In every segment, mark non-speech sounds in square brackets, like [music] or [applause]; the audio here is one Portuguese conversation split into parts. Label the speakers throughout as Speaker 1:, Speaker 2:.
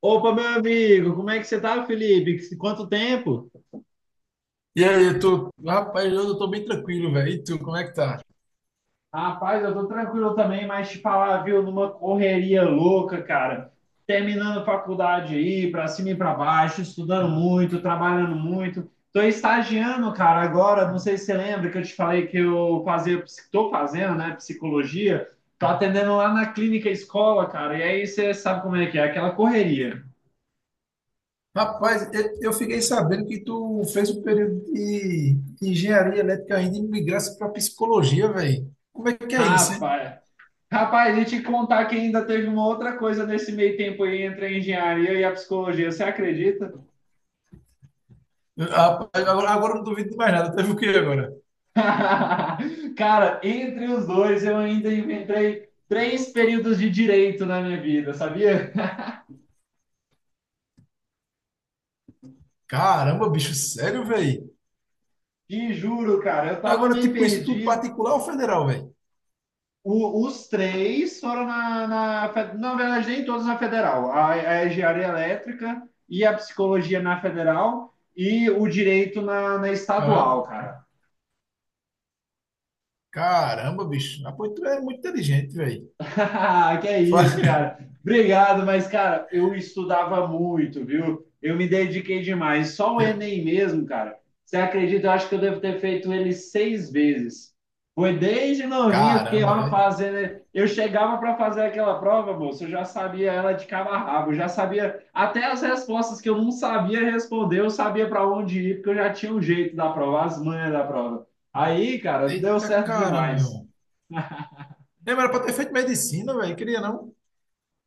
Speaker 1: Opa, meu amigo, como é que você tá, Felipe? Quanto tempo?
Speaker 2: E aí, rapaz, eu tô bem tranquilo, velho. E tu, como é que tá?
Speaker 1: Rapaz, eu tô tranquilo também, mas te falar, viu, numa correria louca, cara. Terminando faculdade aí, pra cima e pra baixo, estudando muito, trabalhando muito. Tô estagiando, cara, agora, não sei se você lembra que eu te falei que eu fazia, tô fazendo, né, psicologia. Tô atendendo lá na clínica escola, cara, e aí você sabe como é que é, aquela correria.
Speaker 2: Rapaz, eu fiquei sabendo que tu fez um período de engenharia elétrica ainda e migrasse para psicologia, velho. Como é que é isso, hein?
Speaker 1: Rapaz. Rapaz, e te contar que ainda teve uma outra coisa nesse meio tempo aí entre a engenharia e a psicologia, você acredita?
Speaker 2: Rapaz, Agora, eu não duvido de mais nada. Teve o quê agora?
Speaker 1: [laughs] Cara, entre os dois eu ainda inventei três períodos de direito na minha vida, sabia?
Speaker 2: Caramba, bicho, sério, velho?
Speaker 1: Te juro, cara, eu tava
Speaker 2: Agora,
Speaker 1: meio
Speaker 2: tipo, isso tudo
Speaker 1: perdido.
Speaker 2: particular ou federal, velho?
Speaker 1: Os três foram na verdade, nem todos na federal. A engenharia elétrica e a psicologia na federal e o direito na
Speaker 2: Hã?
Speaker 1: estadual, cara.
Speaker 2: Caramba, bicho. Ah, pois tu é muito inteligente, velho.
Speaker 1: [laughs] Que é isso,
Speaker 2: [laughs]
Speaker 1: cara. Obrigado, mas, cara, eu estudava muito, viu? Eu me dediquei demais. Só o Enem mesmo, cara. Você acredita? Eu acho que eu devo ter feito ele seis vezes. Foi desde novinho, eu fiquei
Speaker 2: Caramba,
Speaker 1: lá
Speaker 2: velho.
Speaker 1: fazendo. Eu chegava para fazer aquela prova, moço, eu já sabia ela de cabo a rabo, eu já sabia até as respostas que eu não sabia responder, eu sabia para onde ir, porque eu já tinha o jeito da prova, as manhas da prova. Aí, cara, deu
Speaker 2: Eita
Speaker 1: certo
Speaker 2: caramba, meu
Speaker 1: demais.
Speaker 2: irmão. Lembra, era pra ter feito medicina, velho. Queria não?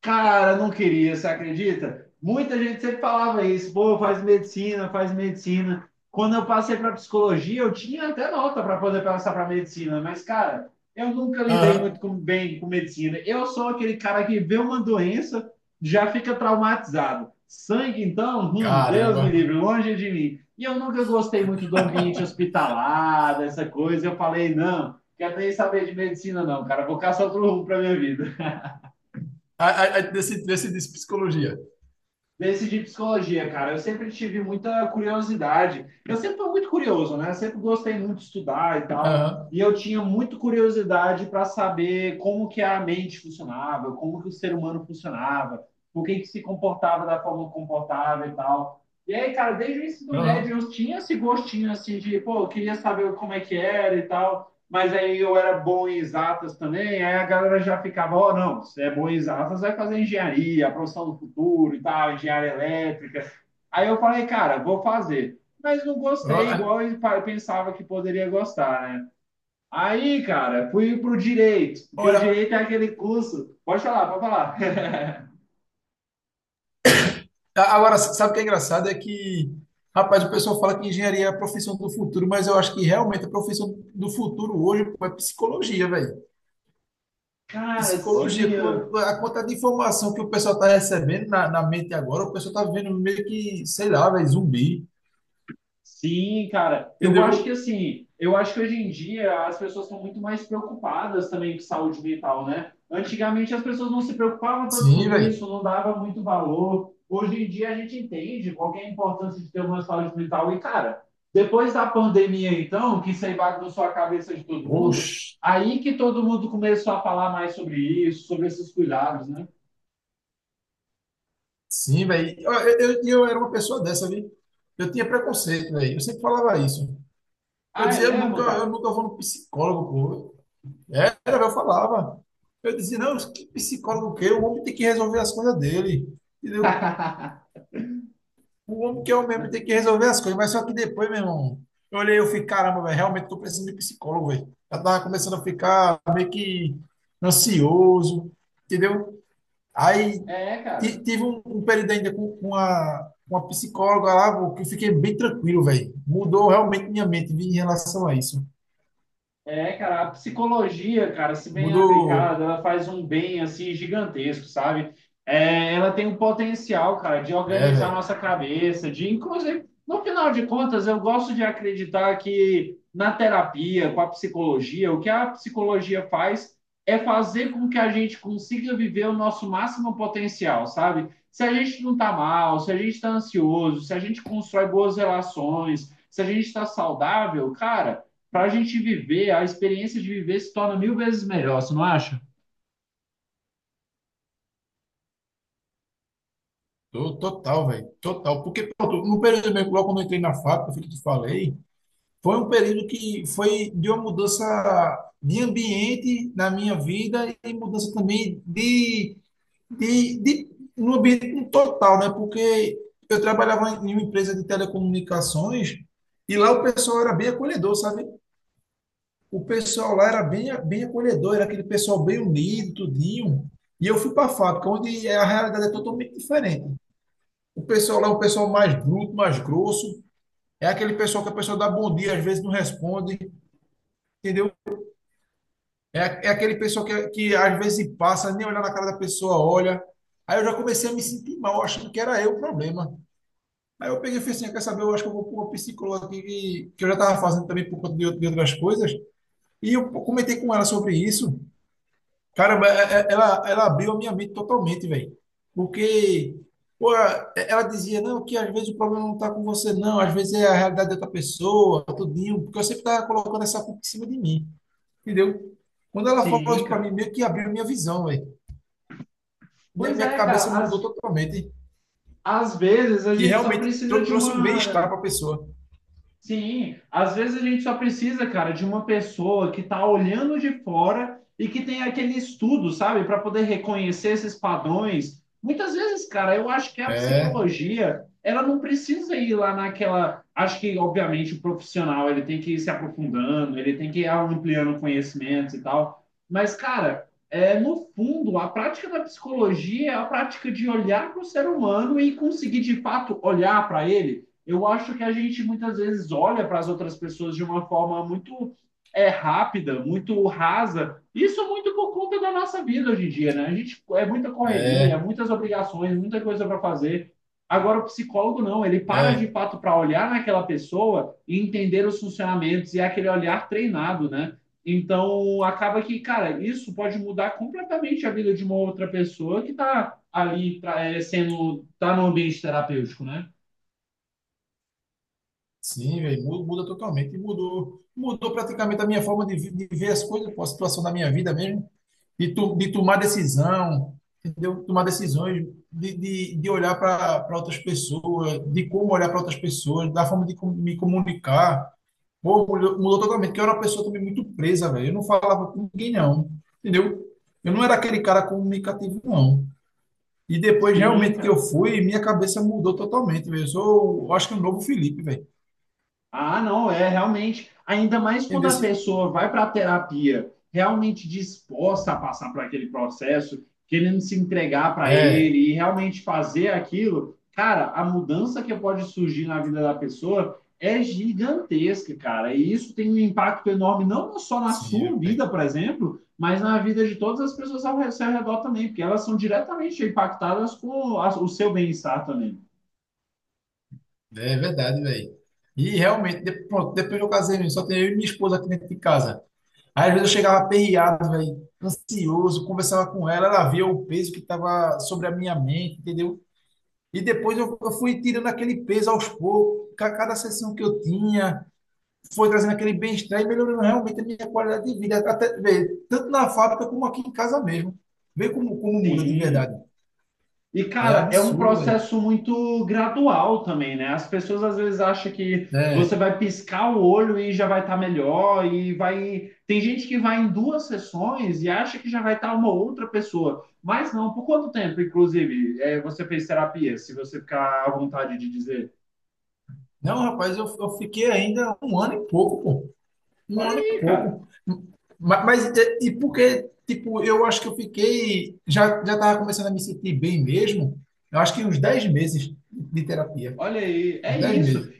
Speaker 1: Cara, não queria, você acredita? Muita gente sempre falava isso, pô, faz medicina, faz medicina. Quando eu passei para psicologia, eu tinha até nota para poder passar para medicina, mas, cara, eu nunca lidei muito
Speaker 2: Aham.
Speaker 1: com, bem com medicina. Eu sou aquele cara que vê uma doença, já fica traumatizado. Sangue, então, Deus me livre,
Speaker 2: Caramba.
Speaker 1: longe de mim. E eu nunca gostei muito do ambiente hospitalar, dessa coisa. Eu falei, não, quero nem saber de medicina, não, cara, vou caçar outro rumo para minha vida.
Speaker 2: Desse psicologia.
Speaker 1: Desse de psicologia, cara. Eu sempre tive muita curiosidade. Eu sempre fui muito curioso, né? Sempre gostei muito de estudar e tal.
Speaker 2: Aham.
Speaker 1: E eu tinha muito curiosidade para saber como que a mente funcionava, como que o ser humano funcionava, por que que se comportava da forma que comportava e tal. E aí, cara, desde o ensino médio
Speaker 2: Aham.
Speaker 1: eu tinha esse gostinho assim de, pô, eu queria saber como é que era e tal, mas aí eu era bom em exatas também, aí a galera já ficava, ó, oh, não, você é bom em exatas, vai fazer engenharia, a profissão do futuro e tal, engenharia elétrica. Aí eu falei, cara, vou fazer. Mas não
Speaker 2: Ó,
Speaker 1: gostei, igual eu pensava que poderia gostar, né? Aí, cara, fui pro direito, porque o
Speaker 2: Olha,
Speaker 1: direito é aquele curso. Pode falar, pode falar.
Speaker 2: agora, sabe o que é engraçado? É que, rapaz, o pessoal fala que engenharia é a profissão do futuro, mas eu acho que realmente a profissão do futuro hoje pô, é psicologia, velho.
Speaker 1: [laughs] Cara, sim.
Speaker 2: Psicologia, com a quantidade de informação que o pessoal está recebendo na mente agora, o pessoal está vendo meio que, sei lá, velho, zumbi.
Speaker 1: Sim, cara, eu acho que
Speaker 2: Entendeu?
Speaker 1: assim, eu acho que hoje em dia as pessoas estão muito mais preocupadas também com saúde mental, né? Antigamente as pessoas não se preocupavam tanto com
Speaker 2: Sim,
Speaker 1: isso,
Speaker 2: velho.
Speaker 1: não dava muito valor. Hoje em dia a gente entende qual que é a importância de ter uma saúde mental. E, cara, depois da pandemia, então, que isso aí bagunçou a cabeça de todo mundo,
Speaker 2: Oxe.
Speaker 1: aí que todo mundo começou a falar mais sobre isso, sobre esses cuidados, né?
Speaker 2: Sim, velho. Eu era uma pessoa dessa, viu? Eu tinha preconceito, velho. Eu sempre falava isso. Eu
Speaker 1: Ah, é
Speaker 2: dizia, eu nunca,
Speaker 1: mesmo,
Speaker 2: eu
Speaker 1: cara?
Speaker 2: nunca vou no psicólogo, pô. Era, eu falava. Eu dizia, não, que psicólogo que? É? O homem tem que resolver as coisas dele. Entendeu?
Speaker 1: [laughs]
Speaker 2: O homem que é o mesmo tem que resolver as coisas. Mas só que depois, meu irmão, eu olhei e eu fiquei, caramba, velho, realmente tô precisando de psicólogo, velho. Eu tava começando a ficar meio que ansioso, entendeu? Aí
Speaker 1: É, cara.
Speaker 2: tive um período ainda com uma psicóloga lá, vô, que eu fiquei bem tranquilo, velho. Mudou realmente minha mente vi, em relação a isso.
Speaker 1: É, cara, a psicologia, cara, se bem aplicada,
Speaker 2: Mudou.
Speaker 1: ela faz um bem assim gigantesco, sabe? É, ela tem um potencial, cara, de
Speaker 2: É,
Speaker 1: organizar
Speaker 2: velho.
Speaker 1: nossa cabeça, de inclusive, no final de contas, eu gosto de acreditar que na terapia, com a psicologia, o que a psicologia faz é fazer com que a gente consiga viver o nosso máximo potencial, sabe? Se a gente não tá mal, se a gente tá ansioso, se a gente constrói boas relações, se a gente tá saudável, cara, para a gente viver, a experiência de viver se torna mil vezes melhor, você não acha?
Speaker 2: Total, velho. Total. Porque, pronto, no período mesmo, logo quando eu entrei na fábrica, foi o que eu te falei, foi um período que foi de uma mudança de ambiente na minha vida e mudança também de no ambiente total, né? Porque eu trabalhava em uma empresa de telecomunicações e lá o pessoal era bem acolhedor, sabe? O pessoal lá era bem, bem acolhedor, era aquele pessoal bem unido, tudinho. E eu fui para a fábrica, onde é, a realidade é totalmente diferente. O pessoal lá é um pessoal mais bruto, mais grosso. É aquele pessoal que a pessoa dá bom dia, às vezes não responde, entendeu? É aquele pessoal que às vezes passa, nem olhar na cara da pessoa, olha. Aí eu já comecei a me sentir mal, achando que era eu o problema. Aí eu peguei e falei assim, "Ah, quer saber, eu acho que eu vou pôr uma psicóloga aqui, que eu já estava fazendo também por conta de outras coisas, e eu comentei com ela sobre isso. Caramba, ela abriu a minha mente totalmente, velho. Porque, pô, ela dizia, não, que às vezes o problema não está com você, não, às vezes é a realidade de outra pessoa, tudinho, porque eu sempre estava colocando essa culpa em cima de mim, entendeu? Quando ela falou
Speaker 1: Sim,
Speaker 2: isso para mim,
Speaker 1: cara.
Speaker 2: meio que abriu minha visão, velho. Minha,
Speaker 1: Pois
Speaker 2: minha
Speaker 1: é,
Speaker 2: cabeça
Speaker 1: cara.
Speaker 2: mudou totalmente.
Speaker 1: Às vezes a
Speaker 2: E
Speaker 1: gente só
Speaker 2: realmente
Speaker 1: precisa de
Speaker 2: trouxe um bem-estar
Speaker 1: uma.
Speaker 2: para a pessoa.
Speaker 1: Sim, às vezes a gente só precisa, cara, de uma pessoa que tá olhando de fora e que tem aquele estudo, sabe, para poder reconhecer esses padrões. Muitas vezes, cara, eu acho que a
Speaker 2: É,
Speaker 1: psicologia, ela não precisa ir lá naquela. Acho que, obviamente, o profissional, ele tem que ir se aprofundando, ele tem que ir ampliando conhecimentos e tal. Mas, cara, é, no fundo, a prática da psicologia é a prática de olhar para o ser humano e conseguir, de fato, olhar para ele. Eu acho que a gente muitas vezes olha para as outras pessoas de uma forma muito, é, rápida, muito rasa. Isso muito por conta da nossa vida hoje em dia, né? A gente é muita correria, é
Speaker 2: é.
Speaker 1: muitas obrigações, muita coisa para fazer. Agora o psicólogo não, ele para de
Speaker 2: É.
Speaker 1: fato para olhar naquela pessoa e entender os funcionamentos e é aquele olhar treinado, né? Então acaba que, cara, isso pode mudar completamente a vida de uma outra pessoa que está ali sendo tá no ambiente terapêutico, né?
Speaker 2: Sim, velho, muda totalmente. E Mudou, mudou praticamente a minha forma de ver as coisas, pô, a situação da minha vida mesmo, de tomar decisão, entendeu? Tomar decisões, de olhar para outras pessoas, de como olhar para outras pessoas, da forma de me comunicar. Pô, mudou, mudou totalmente, porque eu era uma pessoa também muito presa, velho. Eu não falava com ninguém, não, entendeu? Eu não era aquele cara comunicativo, não. E depois,
Speaker 1: Sim,
Speaker 2: realmente, que eu
Speaker 1: cara.
Speaker 2: fui, minha cabeça mudou totalmente, velho. Eu sou, eu acho que um novo Felipe, velho.
Speaker 1: Ah, não, é realmente, ainda mais quando
Speaker 2: Entendeu?
Speaker 1: a pessoa vai para a terapia realmente disposta a passar por aquele processo, querendo se entregar para
Speaker 2: É,
Speaker 1: ele e realmente fazer aquilo, cara, a mudança que pode surgir na vida da pessoa é gigantesca, cara. E isso tem um impacto enorme, não só na sua
Speaker 2: sim,
Speaker 1: vida,
Speaker 2: véi.
Speaker 1: por exemplo, mas na vida de todas as pessoas ao seu redor também, porque elas são diretamente impactadas com o seu bem-estar também.
Speaker 2: É verdade, velho. E realmente, pronto, depois que eu casei, véi, só tenho eu e minha esposa aqui dentro de casa. Aí, às vezes eu chegava aperreado, velho, ansioso, conversava com ela, ela via o peso que estava sobre a minha mente, entendeu? E depois eu fui tirando aquele peso aos poucos, cada sessão que eu tinha, foi trazendo aquele bem-estar e melhorando realmente a minha qualidade de vida, até, véi, tanto na fábrica como aqui em casa mesmo. Vê como, muda de
Speaker 1: Sim.
Speaker 2: verdade.
Speaker 1: E,
Speaker 2: É
Speaker 1: cara, é um
Speaker 2: absurdo, velho.
Speaker 1: processo muito gradual também, né? As pessoas às vezes acham que você vai piscar o olho e já vai estar melhor, e vai. Tem gente que vai em duas sessões e acha que já vai estar uma outra pessoa. Mas não, por quanto tempo, inclusive, é, você fez terapia? Se você ficar à vontade de dizer.
Speaker 2: Não, rapaz, eu fiquei ainda um ano e pouco, pô. Um
Speaker 1: Olha
Speaker 2: ano e
Speaker 1: aí, cara.
Speaker 2: pouco. Mas, é, e porque, tipo, eu acho que eu fiquei. Já tava começando a me sentir bem mesmo. Eu acho que uns 10 meses de terapia.
Speaker 1: Olha aí,
Speaker 2: Uns
Speaker 1: é
Speaker 2: 10
Speaker 1: isso.
Speaker 2: meses.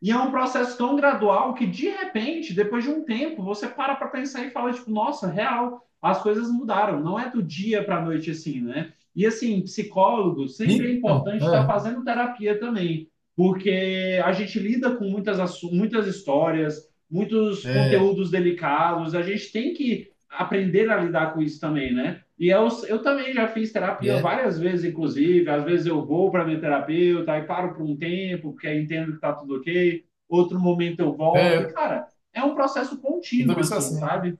Speaker 1: E é um processo tão gradual que, de repente, depois de um tempo, você para para pensar e fala, tipo, nossa, real, as coisas mudaram. Não é do dia para a noite assim, né? E, assim, psicólogo, sempre é
Speaker 2: Então,
Speaker 1: importante estar fazendo terapia também, porque a gente lida com muitas, muitas histórias, muitos
Speaker 2: é,
Speaker 1: conteúdos delicados, a gente tem que aprender a lidar com isso também, né? E eu também já fiz
Speaker 2: é,
Speaker 1: terapia
Speaker 2: é,
Speaker 1: várias vezes, inclusive. Às vezes eu vou para minha terapeuta, e paro por um tempo, porque aí entendo que está tudo ok. Outro momento eu volto. E,
Speaker 2: é,
Speaker 1: cara, é um processo
Speaker 2: eu
Speaker 1: contínuo,
Speaker 2: também sou
Speaker 1: assim,
Speaker 2: assim.
Speaker 1: sabe?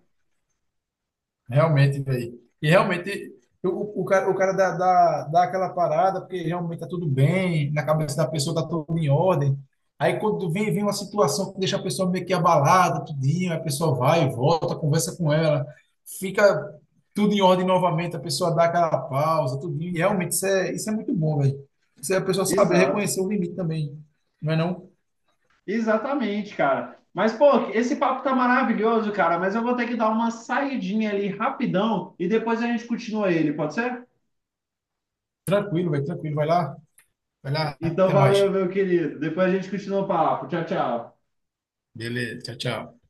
Speaker 2: Realmente, velho. E realmente, o cara dá aquela parada, porque realmente tá tudo bem, na cabeça da pessoa tá tudo em ordem. Aí quando vem uma situação que deixa a pessoa meio que abalada, tudinho, a pessoa vai, volta, conversa com ela, fica tudo em ordem novamente, a pessoa dá aquela pausa, tudinho. E realmente isso é muito bom, velho. Isso é a pessoa saber
Speaker 1: Exato.
Speaker 2: reconhecer o limite também. Não é não?
Speaker 1: Exatamente, cara. Mas, pô, esse papo tá maravilhoso, cara. Mas eu vou ter que dar uma saidinha ali rapidão e depois a gente continua ele, pode ser?
Speaker 2: Tranquilo, velho, tranquilo. Vai lá,
Speaker 1: Então,
Speaker 2: até mais.
Speaker 1: valeu, meu querido. Depois a gente continua o papo. Tchau, tchau.
Speaker 2: Beleza, tchau, tchau.